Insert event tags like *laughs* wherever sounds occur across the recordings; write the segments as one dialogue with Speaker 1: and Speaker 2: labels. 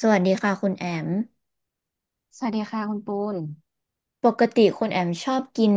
Speaker 1: สวัสดีค่ะคุณแอม
Speaker 2: สวัสดีค่ะคุณปูน
Speaker 1: ปกติคุณแอมชอบกิน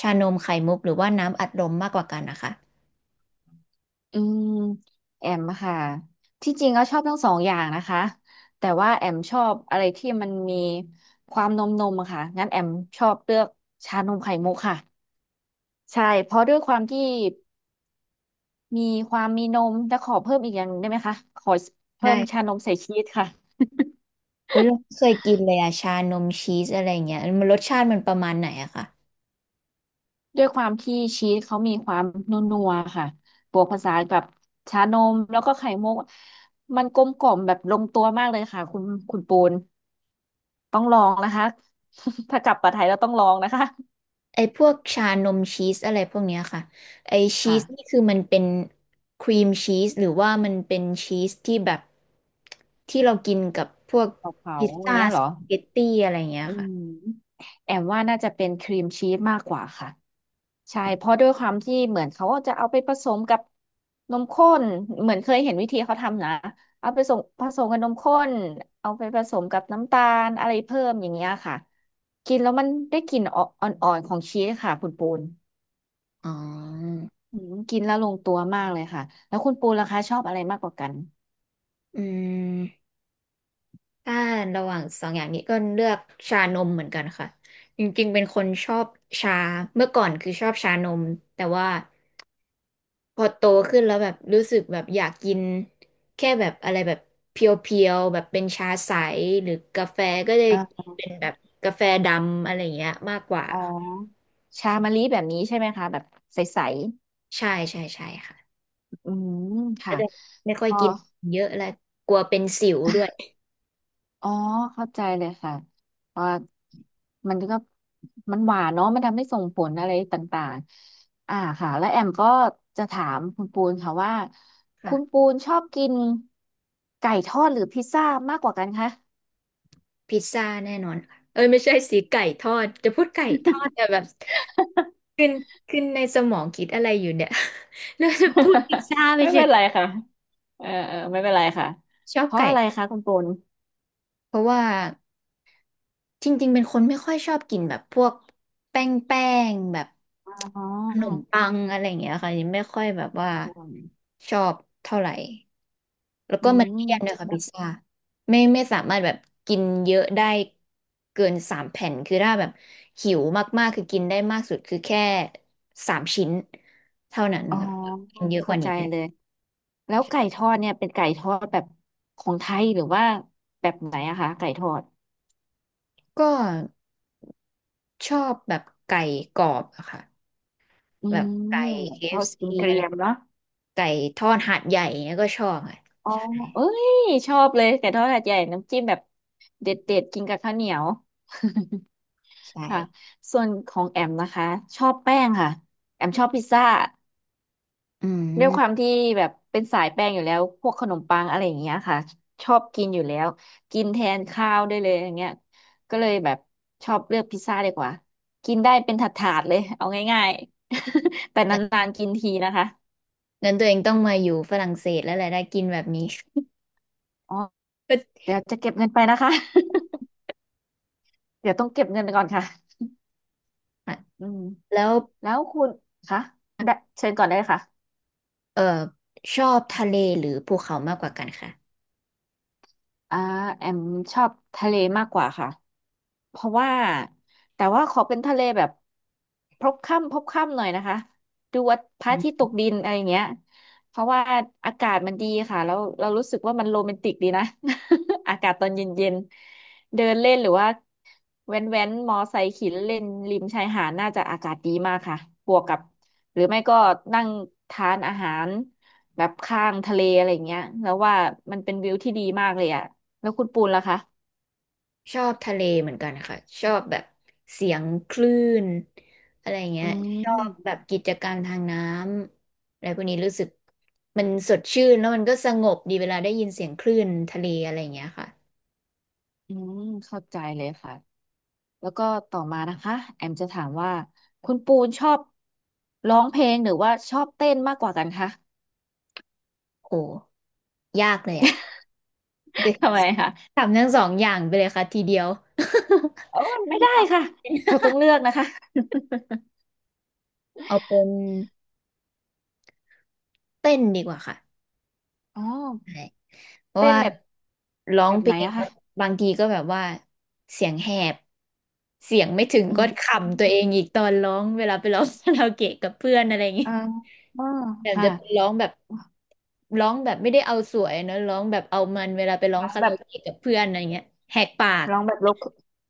Speaker 1: ชานมไข่มุกหรือว่าน้ำอัดลมมากกว่ากันนะคะ
Speaker 2: อืมแอมค่ะที่จริงก็ชอบทั้งสองอย่างนะคะแต่ว่าแอมชอบอะไรที่มันมีความนมอะค่ะงั้นแอมชอบเลือกชานมไข่มุกค่ะใช่เพราะด้วยความที่มีความมีนมแต่ขอเพิ่มอีกอย่างหนึ่งได้ไหมคะขอเพิ่มชา
Speaker 1: ได้
Speaker 2: นมใส่ชีสค่ะ
Speaker 1: เฮ้ยเราไม่เคยกินเลยอะชานมชีสอะไรเงี้ยมันรสชาติมันประมาณไหนอะคะ
Speaker 2: ด้วยความที่ชีสเขามีความนัวๆค่ะบวกผสานกับชานมแล้วก็ไข่มุกมันกลมกล่อมแบบลงตัวมากเลยค่ะคุณปูน ต้องลองนะคะ *laughs* ถ้ากลับมาไทยแล้วต้องลองนะคะ
Speaker 1: ไอพวกชานมชีสอะไรพวกเนี้ยค่ะไอชี
Speaker 2: ค่ะ
Speaker 1: สนี่คือมันเป็นครีมชีสหรือว่ามันเป็นชีสที่แบบที่เรากินกับพวก
Speaker 2: เผาเผา
Speaker 1: พิซ
Speaker 2: อย่าง
Speaker 1: ซ่า
Speaker 2: เงี้ย
Speaker 1: ส
Speaker 2: เหรอ
Speaker 1: ปาเกตตี้อะไรเงี้ย
Speaker 2: อื
Speaker 1: ค่ะ
Speaker 2: มแอมว่าน่าจะเป็นครีมชีสมากกว่าค่ะใช่เพราะด้วยความที่เหมือนเขาจะเอาไปผสมกับนมข้นเหมือนเคยเห็นวิธีเขาทำนะเอาไปส่งผสมกับนมข้นเอาไปผสมกับน้ำตาลอะไรเพิ่มอย่างเงี้ยค่ะกินแล้วมันได้กลิ่นอ่อนๆของชีสค่ะคุณปูน
Speaker 1: อ๋อ
Speaker 2: อืมกินแล้วลงตัวมากเลยค่ะแล้วคุณปูนล่ะคะชอบอะไรมากกว่ากัน
Speaker 1: อืม ถ้าระหว่างสองอย่างนี้ก็เลือกชานมเหมือนกันค่ะจริงๆเป็นคนชอบชาเมื่อก่อนคือชอบชานมแต่ว่าพอโตขึ้นแล้วแบบรู้สึกแบบอยากกินแค่แบบอะไรแบบเพียวๆแบบเป็นชาใสหรือกาแฟก็เลยเป็นแบบกาแฟดำอะไรอย่างเงี้ยมากกว่า
Speaker 2: อ๋อ
Speaker 1: ค่ะ
Speaker 2: ชามะลิแบบนี้ใช่ไหมคะแบบใส
Speaker 1: ใช่ใช่ใช่ค่ะ
Speaker 2: ๆอืม
Speaker 1: ก็
Speaker 2: ค่ะ
Speaker 1: จะไม่ค่อ
Speaker 2: พ
Speaker 1: ย
Speaker 2: อ
Speaker 1: กินเยอะแล้วกลัวเป็นสิวด้วย
Speaker 2: อ๋อเข้าใจเลยค่ะเพอมันก็มันหวานเนาะมันทำให้ส่งผลอะไรต่างๆอ่าค่ะแล้วแอมก็จะถามคุณปูนค่ะว่าคุณปู
Speaker 1: ค่ะ
Speaker 2: นชอบกินไก่ทอดหรือพิซซ่ามากกว่ากันคะ
Speaker 1: พิซซ่าแน่นอนค่ะเอ้ยไม่ใช่สีไก่ทอดจะพูดไก่ทอดแต่แบบ ขึ้นขึ้นในสมองคิดอะไรอยู่เนี่ย *laughs* แล้วจะพูดพิซซ่า
Speaker 2: *laughs*
Speaker 1: ไป
Speaker 2: ไม่
Speaker 1: เฉ
Speaker 2: เป็
Speaker 1: ย
Speaker 2: นไรค่ะเออเออไม่เป็นไรค่ะ
Speaker 1: ชอบ
Speaker 2: เพราะ
Speaker 1: ไก่
Speaker 2: อะไรคะคุณปูน
Speaker 1: เพราะว่าจริงๆเป็นคนไม่ค่อยชอบกินแบบพวกแป้งแป้งแบบ
Speaker 2: อ๋อ
Speaker 1: ขนมปังอะไรอย่างเงี้ยค่ะยังไม่ค่อยแบบว่าชอบเท่าไหร่แล้ว
Speaker 2: อื
Speaker 1: ก็มันเลี่ยนด้วย
Speaker 2: ม
Speaker 1: ค่ะพิซซ่าไม่ไม่สามารถแบบกินเยอะได้เกินสามแผ่นคือถ้าแบบหิวมากๆคือกินได้มากสุดคือแค่สามชิ้นเท่านั้น
Speaker 2: อ๋อ
Speaker 1: ครับกินเยอะก
Speaker 2: เข้า
Speaker 1: ว่า
Speaker 2: ใจ
Speaker 1: นี้ไม่
Speaker 2: เล
Speaker 1: ได้
Speaker 2: ยแล้วไก่ทอดเนี่ยเป็นไก่ทอดแบบของไทยหรือว่าแบบไหนอะคะไก่ทอด
Speaker 1: ก็ชอบแบบไก่กรอบอะค่ะ
Speaker 2: อื
Speaker 1: แบบไก่
Speaker 2: มแบบทอด
Speaker 1: KFC
Speaker 2: กิ
Speaker 1: อฟ
Speaker 2: น
Speaker 1: ซี
Speaker 2: เก
Speaker 1: อะ
Speaker 2: รี
Speaker 1: ไร
Speaker 2: ยมๆเนาะ
Speaker 1: ไก่ทอดหาดใหญ่เนี่ยก็ชอบอะ
Speaker 2: อ๋อเอ้ยชอบเลยไก่ทอดหาดใหญ่น้ำจิ้มแบบเด็ดๆกินกับข้าวเหนียว
Speaker 1: ใช่
Speaker 2: *laughs* ค่ะส่วนของแอมนะคะชอบแป้งค่ะแอมชอบพิซซ่า
Speaker 1: อื
Speaker 2: ด้วยค
Speaker 1: ม
Speaker 2: วามที่แบบเป็นสายแป้งอยู่แล้วพวกขนมปังอะไรอย่างเงี้ยค่ะชอบกินอยู่แล้วกินแทนข้าวได้เลยอย่างเงี้ยก็เลยแบบชอบเลือกพิซซ่าดีกว่ากินได้เป็นถาดๆเลยเอาง่ายๆ *laughs* แต่นานๆกินทีนะคะ
Speaker 1: งั้นตัวเองต้องมาอยู่ฝรั่งเศสแล้วแหละได้กินแบบนี้
Speaker 2: อ๋อ
Speaker 1: *laughs*
Speaker 2: เดี๋ยวจะเก็บเงินไปนะคะ *laughs* เดี๋ยวต้องเก็บเงินไปก่อนค่ะ
Speaker 1: อ่ะ
Speaker 2: อืม
Speaker 1: แล้ว
Speaker 2: แล้วคุณคะได้เชิญก่อนได้เลยค่ะ
Speaker 1: เออชอบทะเลหรือภูเขามากกว่ากันค่ะ
Speaker 2: อ่าแอมชอบทะเลมากกว่าค่ะเพราะว่าแต่ว่าขอเป็นทะเลแบบพบค่ำหน่อยนะคะดูว่าพระ
Speaker 1: อื
Speaker 2: อาทิตย์ต
Speaker 1: ม
Speaker 2: กดินอะไรอย่างเงี้ยเพราะว่าอากาศมันดีค่ะแล้วเรารู้สึกว่ามันโรแมนติกดีนะ *laughs* อากาศตอนเย็นๆเดินเล่นหรือว่าแว้นมอไซค์ขี่เล่นริมชายหาดน่าจะอากาศดีมากค่ะบวกกับหรือไม่ก็นั่งทานอาหารแบบข้างทะเลอะไรอย่างเงี้ยแล้วว่ามันเป็นวิวที่ดีมากเลยอ่ะ แล้วคุณปูนล่ะคะ
Speaker 1: ชอบทะเลเหมือนกันค่ะชอบแบบเสียงคลื่นอะไรเงี้
Speaker 2: อื
Speaker 1: ย แบบ
Speaker 2: ม
Speaker 1: กิจกรรมทางน้ำอะไรพวกนี้รู้สึกมันสดชื่นแล้วมันก็สงบดีเวลาได้ยินเสียงคลื่นทะเลอะไรอย่างเงี้ยค่ะ
Speaker 2: อืมเข้าใจเลยค่ะ แล้วก็ต่อมานะคะแอมจะถามว่าคุณปูนชอบร้องเพลงหรือว่าชอบเต้นมากกว่ากันคะ
Speaker 1: โอ้ยากเลยอ่ะก็
Speaker 2: *laughs* ทำไมคะ
Speaker 1: ทำทั้งสองอย่างไปเลยค่ะทีเดียว
Speaker 2: โอ้
Speaker 1: *laughs*
Speaker 2: ยไม่ได้ค่ะเราต้องเลือกนะคะ
Speaker 1: เอาเป็นเต้นดีกว่าค่ะ
Speaker 2: *laughs* อ๋อ
Speaker 1: ใช่ เพราะ
Speaker 2: เต้น
Speaker 1: ว่า
Speaker 2: แบบ
Speaker 1: ร้อ
Speaker 2: แบ
Speaker 1: ง
Speaker 2: บ
Speaker 1: เพ
Speaker 2: ไห
Speaker 1: ล
Speaker 2: น
Speaker 1: ง
Speaker 2: อะคะ
Speaker 1: บางทีก็แบบว่าเสียงแหบเสียงไม่ถึง
Speaker 2: อื
Speaker 1: ก็
Speaker 2: ม
Speaker 1: ขำตัวเองอีกตอนร้องเวลาไปร้องคาราโอเกะกับเพื่อนอะไรอย่างงี้
Speaker 2: อ่าอ๋อ
Speaker 1: แบบ
Speaker 2: ค่ะ
Speaker 1: จะไปร้องแบบร้องแบบไม่ได้เอาสวยนะร้องแบบเอามันเวลาไปร้อง
Speaker 2: ร้อง
Speaker 1: คา
Speaker 2: แบ
Speaker 1: รา
Speaker 2: บ
Speaker 1: โอเกะกับเพื่อนอะไรเงี้ยแหกปาก
Speaker 2: ร้องแบบลบ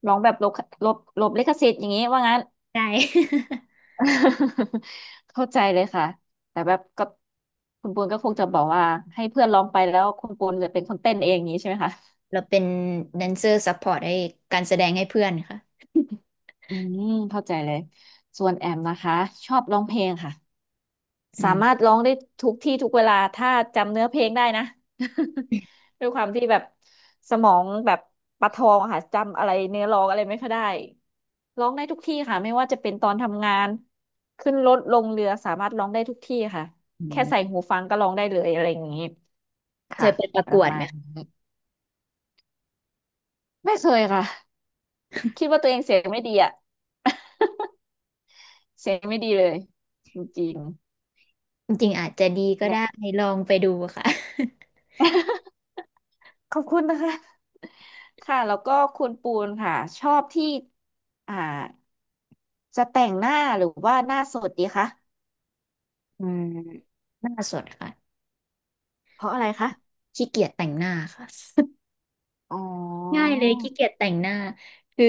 Speaker 2: ร้องแบบลบลบลิขสิทธิ์อย่างนี้ว่างั้น
Speaker 1: ใช่ *laughs*
Speaker 2: *laughs* เข้าใจเลยค่ะแต่แบบก็คุณปูนก็คงจะบอกว่าให้เพื่อนร้องไปแล้วคุณปูนจะเป็นคนเต้นเองอย่างนี้ใช่ไหมคะ
Speaker 1: เราเป็นแดนเซอร์ซัพพอร์ตให้การแสดงให้เพื่อนค่ะ
Speaker 2: อืมเข้าใจเลยส่วนแอมนะคะชอบร้องเพลงค่ะ
Speaker 1: อื
Speaker 2: สามารถ
Speaker 1: ม
Speaker 2: ร้องได้ทุกที่ทุกเวลาถ้าจำเนื้อเพลงได้นะ *laughs* ด้วยความที่แบบสมองแบบประทองอะค่ะจำอะไรเนื้อร้องอะไรไม่ค่อยได้ร้องได้ทุกที่ค่ะไม่ว่าจะเป็นตอนทำงานขึ้นรถลงเรือสามารถร้องได้ทุกที่ค่ะ
Speaker 1: อื
Speaker 2: แค่ใส่
Speaker 1: ม
Speaker 2: หูฟังก็ร้องได้เลยอะไรอย่างนี้
Speaker 1: เค
Speaker 2: ค่ะ
Speaker 1: ยไปประ
Speaker 2: ป
Speaker 1: ก
Speaker 2: ระ
Speaker 1: วด
Speaker 2: มา
Speaker 1: ไหม
Speaker 2: ณ
Speaker 1: คะ
Speaker 2: นี้ไม่เคยค่ะคิดว่าตัวเองเสียงไม่ดีอะ *laughs* เสียงไม่ดีเลยจริง
Speaker 1: จริงๆอาจจะดี
Speaker 2: ๆ
Speaker 1: ก็
Speaker 2: แหล
Speaker 1: ได้ลองไปดูค่ะ
Speaker 2: ะ ขอบคุณนะคะ *laughs* ค่ะแล้วก็คุณปูนค่ะชอบที่อ่าจะแต่งหน้าหรือว่าหน้าสดดีคะ
Speaker 1: อืมหน้าสดค่ะ
Speaker 2: เพราะอะไรคะ
Speaker 1: ขี้เกียจแต่งหน้าค่ะ *laughs*
Speaker 2: อ๋
Speaker 1: ง่าย
Speaker 2: อ
Speaker 1: เลยขี้เกียจแต่งหน้าคือ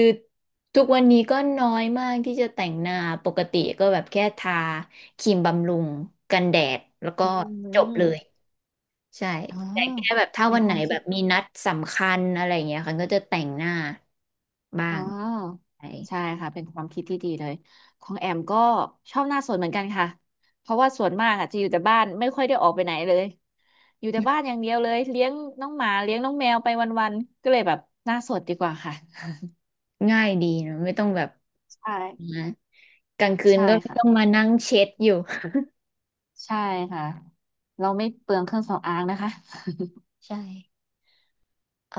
Speaker 1: ทุกวันนี้ก็น้อยมากที่จะแต่งหน้าปกติก็แบบแค่ทาครีมบำรุงกันแดดแล้วก็
Speaker 2: อื
Speaker 1: จบเลย
Speaker 2: ม
Speaker 1: ใช่
Speaker 2: อ๋อ
Speaker 1: แต่แค่แบบถ้า
Speaker 2: เป็น
Speaker 1: วัน
Speaker 2: ค
Speaker 1: ไหน
Speaker 2: วาม
Speaker 1: แบ
Speaker 2: คิด
Speaker 1: บมีนัดสำคัญอะไรอย่างเงี้ยค่ะก็จะแต่งหน้าบ้า
Speaker 2: อ๋
Speaker 1: ง
Speaker 2: อ
Speaker 1: ใช่
Speaker 2: ใช่ค่ะเป็นความคิดที่ดีเลยของแอมก็ชอบหน้าสดเหมือนกันค่ะเพราะว่าส่วนมากอะจะอยู่แต่บ้านไม่ค่อยได้ออกไปไหนเลยอยู่แต่บ้านอย่างเดียวเลยเลี้ยงน้องหมาเลี้ยงน้องแมวไปวันๆก็เลยแบบหน้าสดดีกว่าค่ะ
Speaker 1: ง่ายดีเนอะไม่ต้องแบบ
Speaker 2: ใช่
Speaker 1: นะกลางคืน
Speaker 2: ใช่
Speaker 1: ก็ไม่
Speaker 2: ค่ะ
Speaker 1: ต้องมานั่งเช็ดอยู่
Speaker 2: ใช่ค่ะเราไม่เปลืองเครื่องสำอางนะคะ
Speaker 1: *laughs* ใช่เอ่อ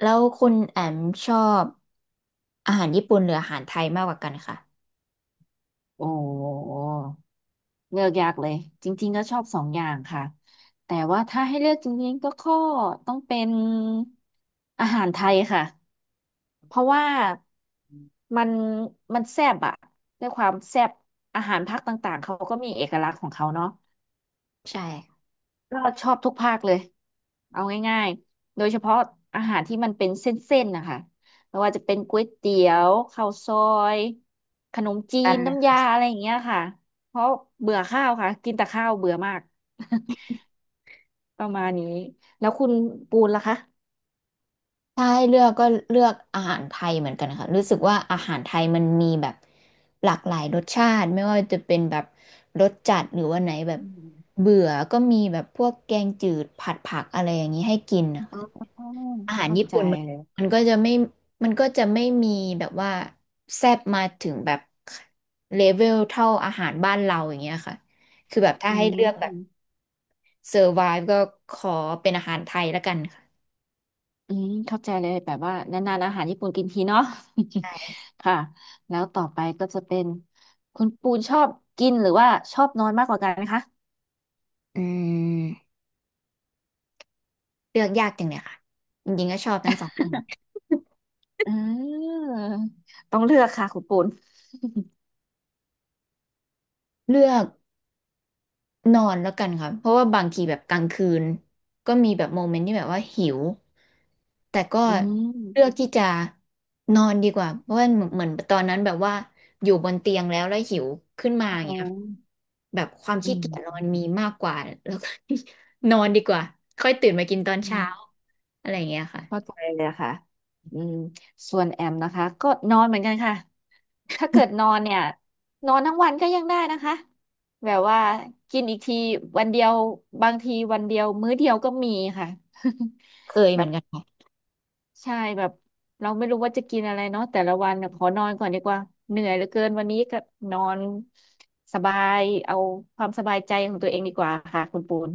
Speaker 1: แล้วคุณแอมชอบอาหารญี่ปุ่นหรืออาหารไทยมากกว่ากันค่ะ
Speaker 2: *laughs* โอ้เลือกยากเลยจริงๆก็ชอบสองอย่างค่ะแต่ว่าถ้าให้เลือกจริงๆก็ข้อต้องเป็นอาหารไทยค่ะเพราะว่ามันมันแซ่บอะด้วยความแซ่บอาหารภาคต่างๆเขาก็มีเอกลักษณ์ของเขาเนาะ
Speaker 1: ใช่
Speaker 2: ก็ชอบทุกภาคเลยเอาง่ายๆ โดยเฉพาะอาหารที่มันเป็นเส้นๆนะคะไม่ว่าจะเป็นก๋วยเตี๋ยวข้าวซอยขนมจี
Speaker 1: กั
Speaker 2: น
Speaker 1: นนะ
Speaker 2: น้ำยาอะไรอย่างเงี้ยค่ะ เพราะเบื่อข้าวค่ะกินแต่ข้าวเบื่อมาก *laughs* ประมาณนี้แล้วคุณปูนล่ะคะ
Speaker 1: ถ้าให้เลือกก็เลือกอาหารไทยเหมือนกันค่ะรู้สึกว่าอาหารไทยมันมีแบบหลากหลายรสชาติไม่ว่าจะเป็นแบบรสจัดหรือว่าไหนแบบ
Speaker 2: อืม
Speaker 1: เบื่อก็มีแบบพวกแกงจืดผัดผักอะไรอย่างนี้ให้กินนะคะ
Speaker 2: อ๋อ
Speaker 1: อาหาร
Speaker 2: เข้า
Speaker 1: ญี่
Speaker 2: ใจ
Speaker 1: ปุ่นมัน
Speaker 2: เลย
Speaker 1: มันก็จะไม่มันก็จะไม่มีแบบว่าแซ่บมาถึงแบบเลเวลเท่าอาหารบ้านเราอย่างเงี้ยค่ะคือแบบถ้า
Speaker 2: อื
Speaker 1: ให้เลือกแบบ
Speaker 2: ม
Speaker 1: เซอร์ไวฟ์ก็ขอเป็นอาหารไทยละกันค่ะ
Speaker 2: อืมเข้าใจเลยแบบว่านานๆอาหารญี่ปุ่นกินทีเนาะ
Speaker 1: ใช่
Speaker 2: *laughs* ค่ะแล้วต่อไปก็จะเป็นคุณปูนชอบกินหรือว่าชอบนอนมากกว่ากันไหมคะ
Speaker 1: อืมเลือกยากจังเลยค่ะจริงๆก็ชอบทั้งสองคน
Speaker 2: อืมต้องเลือกค่ะคุณปูน
Speaker 1: เลือก นอนแล้วกันค่ะเพราะว่าบางทีแบบกลางคืนก็มีแบบโมเมนต์ที่แบบว่าหิวแต่ก็
Speaker 2: อื
Speaker 1: เลือก
Speaker 2: ม
Speaker 1: ที่จะนอนดีกว่าเพราะว่าเหมือนตอนนั้นแบบว่าอยู่บนเตียงแล้วหิวขึ้นมา
Speaker 2: อ๋
Speaker 1: อย่าง
Speaker 2: อ
Speaker 1: เงี้ยค่ะแบบความ
Speaker 2: อื
Speaker 1: ขี้เกียจนอนมีมากกว่าแล้วก็ *laughs* นอนดีกว่าค่อยตื่นมากินตอนเช้า
Speaker 2: ม
Speaker 1: อะไรอย่างเงี้ยค่ะ
Speaker 2: เข้าใจเลยอะค่ะอืมส่วนแอมนะคะก็นอนเหมือนกันค่ะ ถ้าเกิดนอนเนี่ยนอนทั้งวันก็ยังได้นะคะ แบบว่ากินอีกทีวันเดียวบางทีวันเดียวมื้อเดียวก็มีค่ะ
Speaker 1: เคย
Speaker 2: *laughs*
Speaker 1: เห
Speaker 2: แบ
Speaker 1: มือ
Speaker 2: บ
Speaker 1: นกันค่ะ
Speaker 2: ใช่แบบเราไม่รู้ว่าจะกินอะไรเนาะแต่ละวันน่ะขอนอนก่อนดีกว่าเหนื่อยเหลือเกินวันนี้ก็นอนสบายเอาความสบายใจของตัวเองดีกว่าค่ะคุณปูน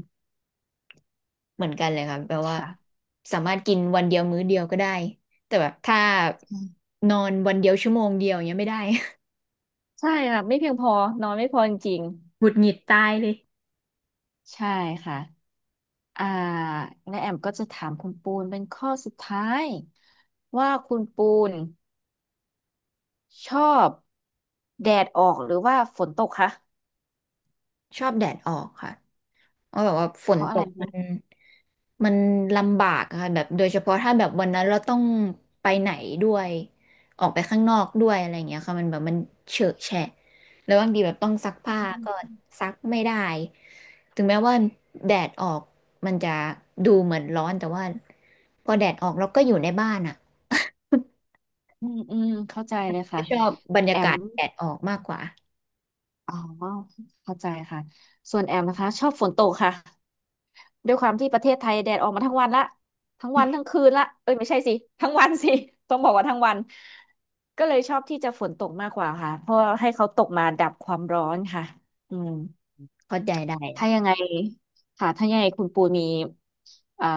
Speaker 1: เหมือนกันเลยค่ะแบบว่า
Speaker 2: ค่ะ
Speaker 1: สามารถกินวันเดียวมื้อเดียวก็ได้แต่แบบถ้านอนวันเดียวชั่วโมงเดียวอย่างเงี้ยไม่ได้
Speaker 2: ใช่ค่ะไม่เพียงพอนอนไม่พอจริง
Speaker 1: หงุดหงิดตายเลย
Speaker 2: ๆใช่ค่ะ อ่าและแอมก็จะถามคุณปูนเป็นข้อสุดท้ายว่าคุณปูนชอบแดดออกหรือว่าฝนตกคะ
Speaker 1: ชอบแดดออกค่ะเพราะแบบว่าฝ
Speaker 2: เพ
Speaker 1: น
Speaker 2: ราะ
Speaker 1: ต
Speaker 2: อะไร
Speaker 1: กมั
Speaker 2: นะ
Speaker 1: นมันลำบากอะค่ะแบบโดยเฉพาะถ้าแบบวันนั้นเราต้องไปไหนด้วยออกไปข้างนอกด้วยอะไรอย่างเงี้ยค่ะมันแบบมันเฉอะแฉะแล้วบางทีแบบต้องซักผ้าก็ซักไม่ได้ถึงแม้ว่าแดดออกมันจะดูเหมือนร้อนแต่ว่าพอแดดออกเราก็อยู่ในบ้านอ่ะ
Speaker 2: อืมอืมเข้าใจเลย
Speaker 1: ก็
Speaker 2: ค่ะ
Speaker 1: ชอบบรร
Speaker 2: แอ
Speaker 1: ยา
Speaker 2: ม
Speaker 1: กาศแดดออกมากกว่า
Speaker 2: อ๋อเข้าใจค่ะส่วนแอมนะคะชอบฝนตกค่ะด้วยความที่ประเทศไทยแดดออกมาทั้งวันละทั้งวันทั้งคืนละเอ้ยไม่ใช่สิทั้งวันสิ *laughs* ต้องบอกว่าทั้งวันก็เลยชอบที่จะฝนตกมากกว่าค่ะเพราะให้เขาตกมาดับความร้อนค่ะอืม
Speaker 1: เข้าใจได้
Speaker 2: ถ้ายังไงค่ะถ้ายังไงคุณปูมีอ่า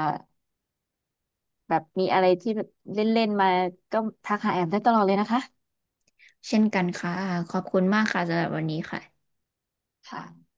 Speaker 2: แบบมีอะไรที่แบบเล่นๆมาก็ทักหาแอมได้ตลอดเลยนะคะ
Speaker 1: เช่นกันค่ะขอบคุณมากค่ะสำหรับวันนี้ค่ะ
Speaker 2: ค่ะ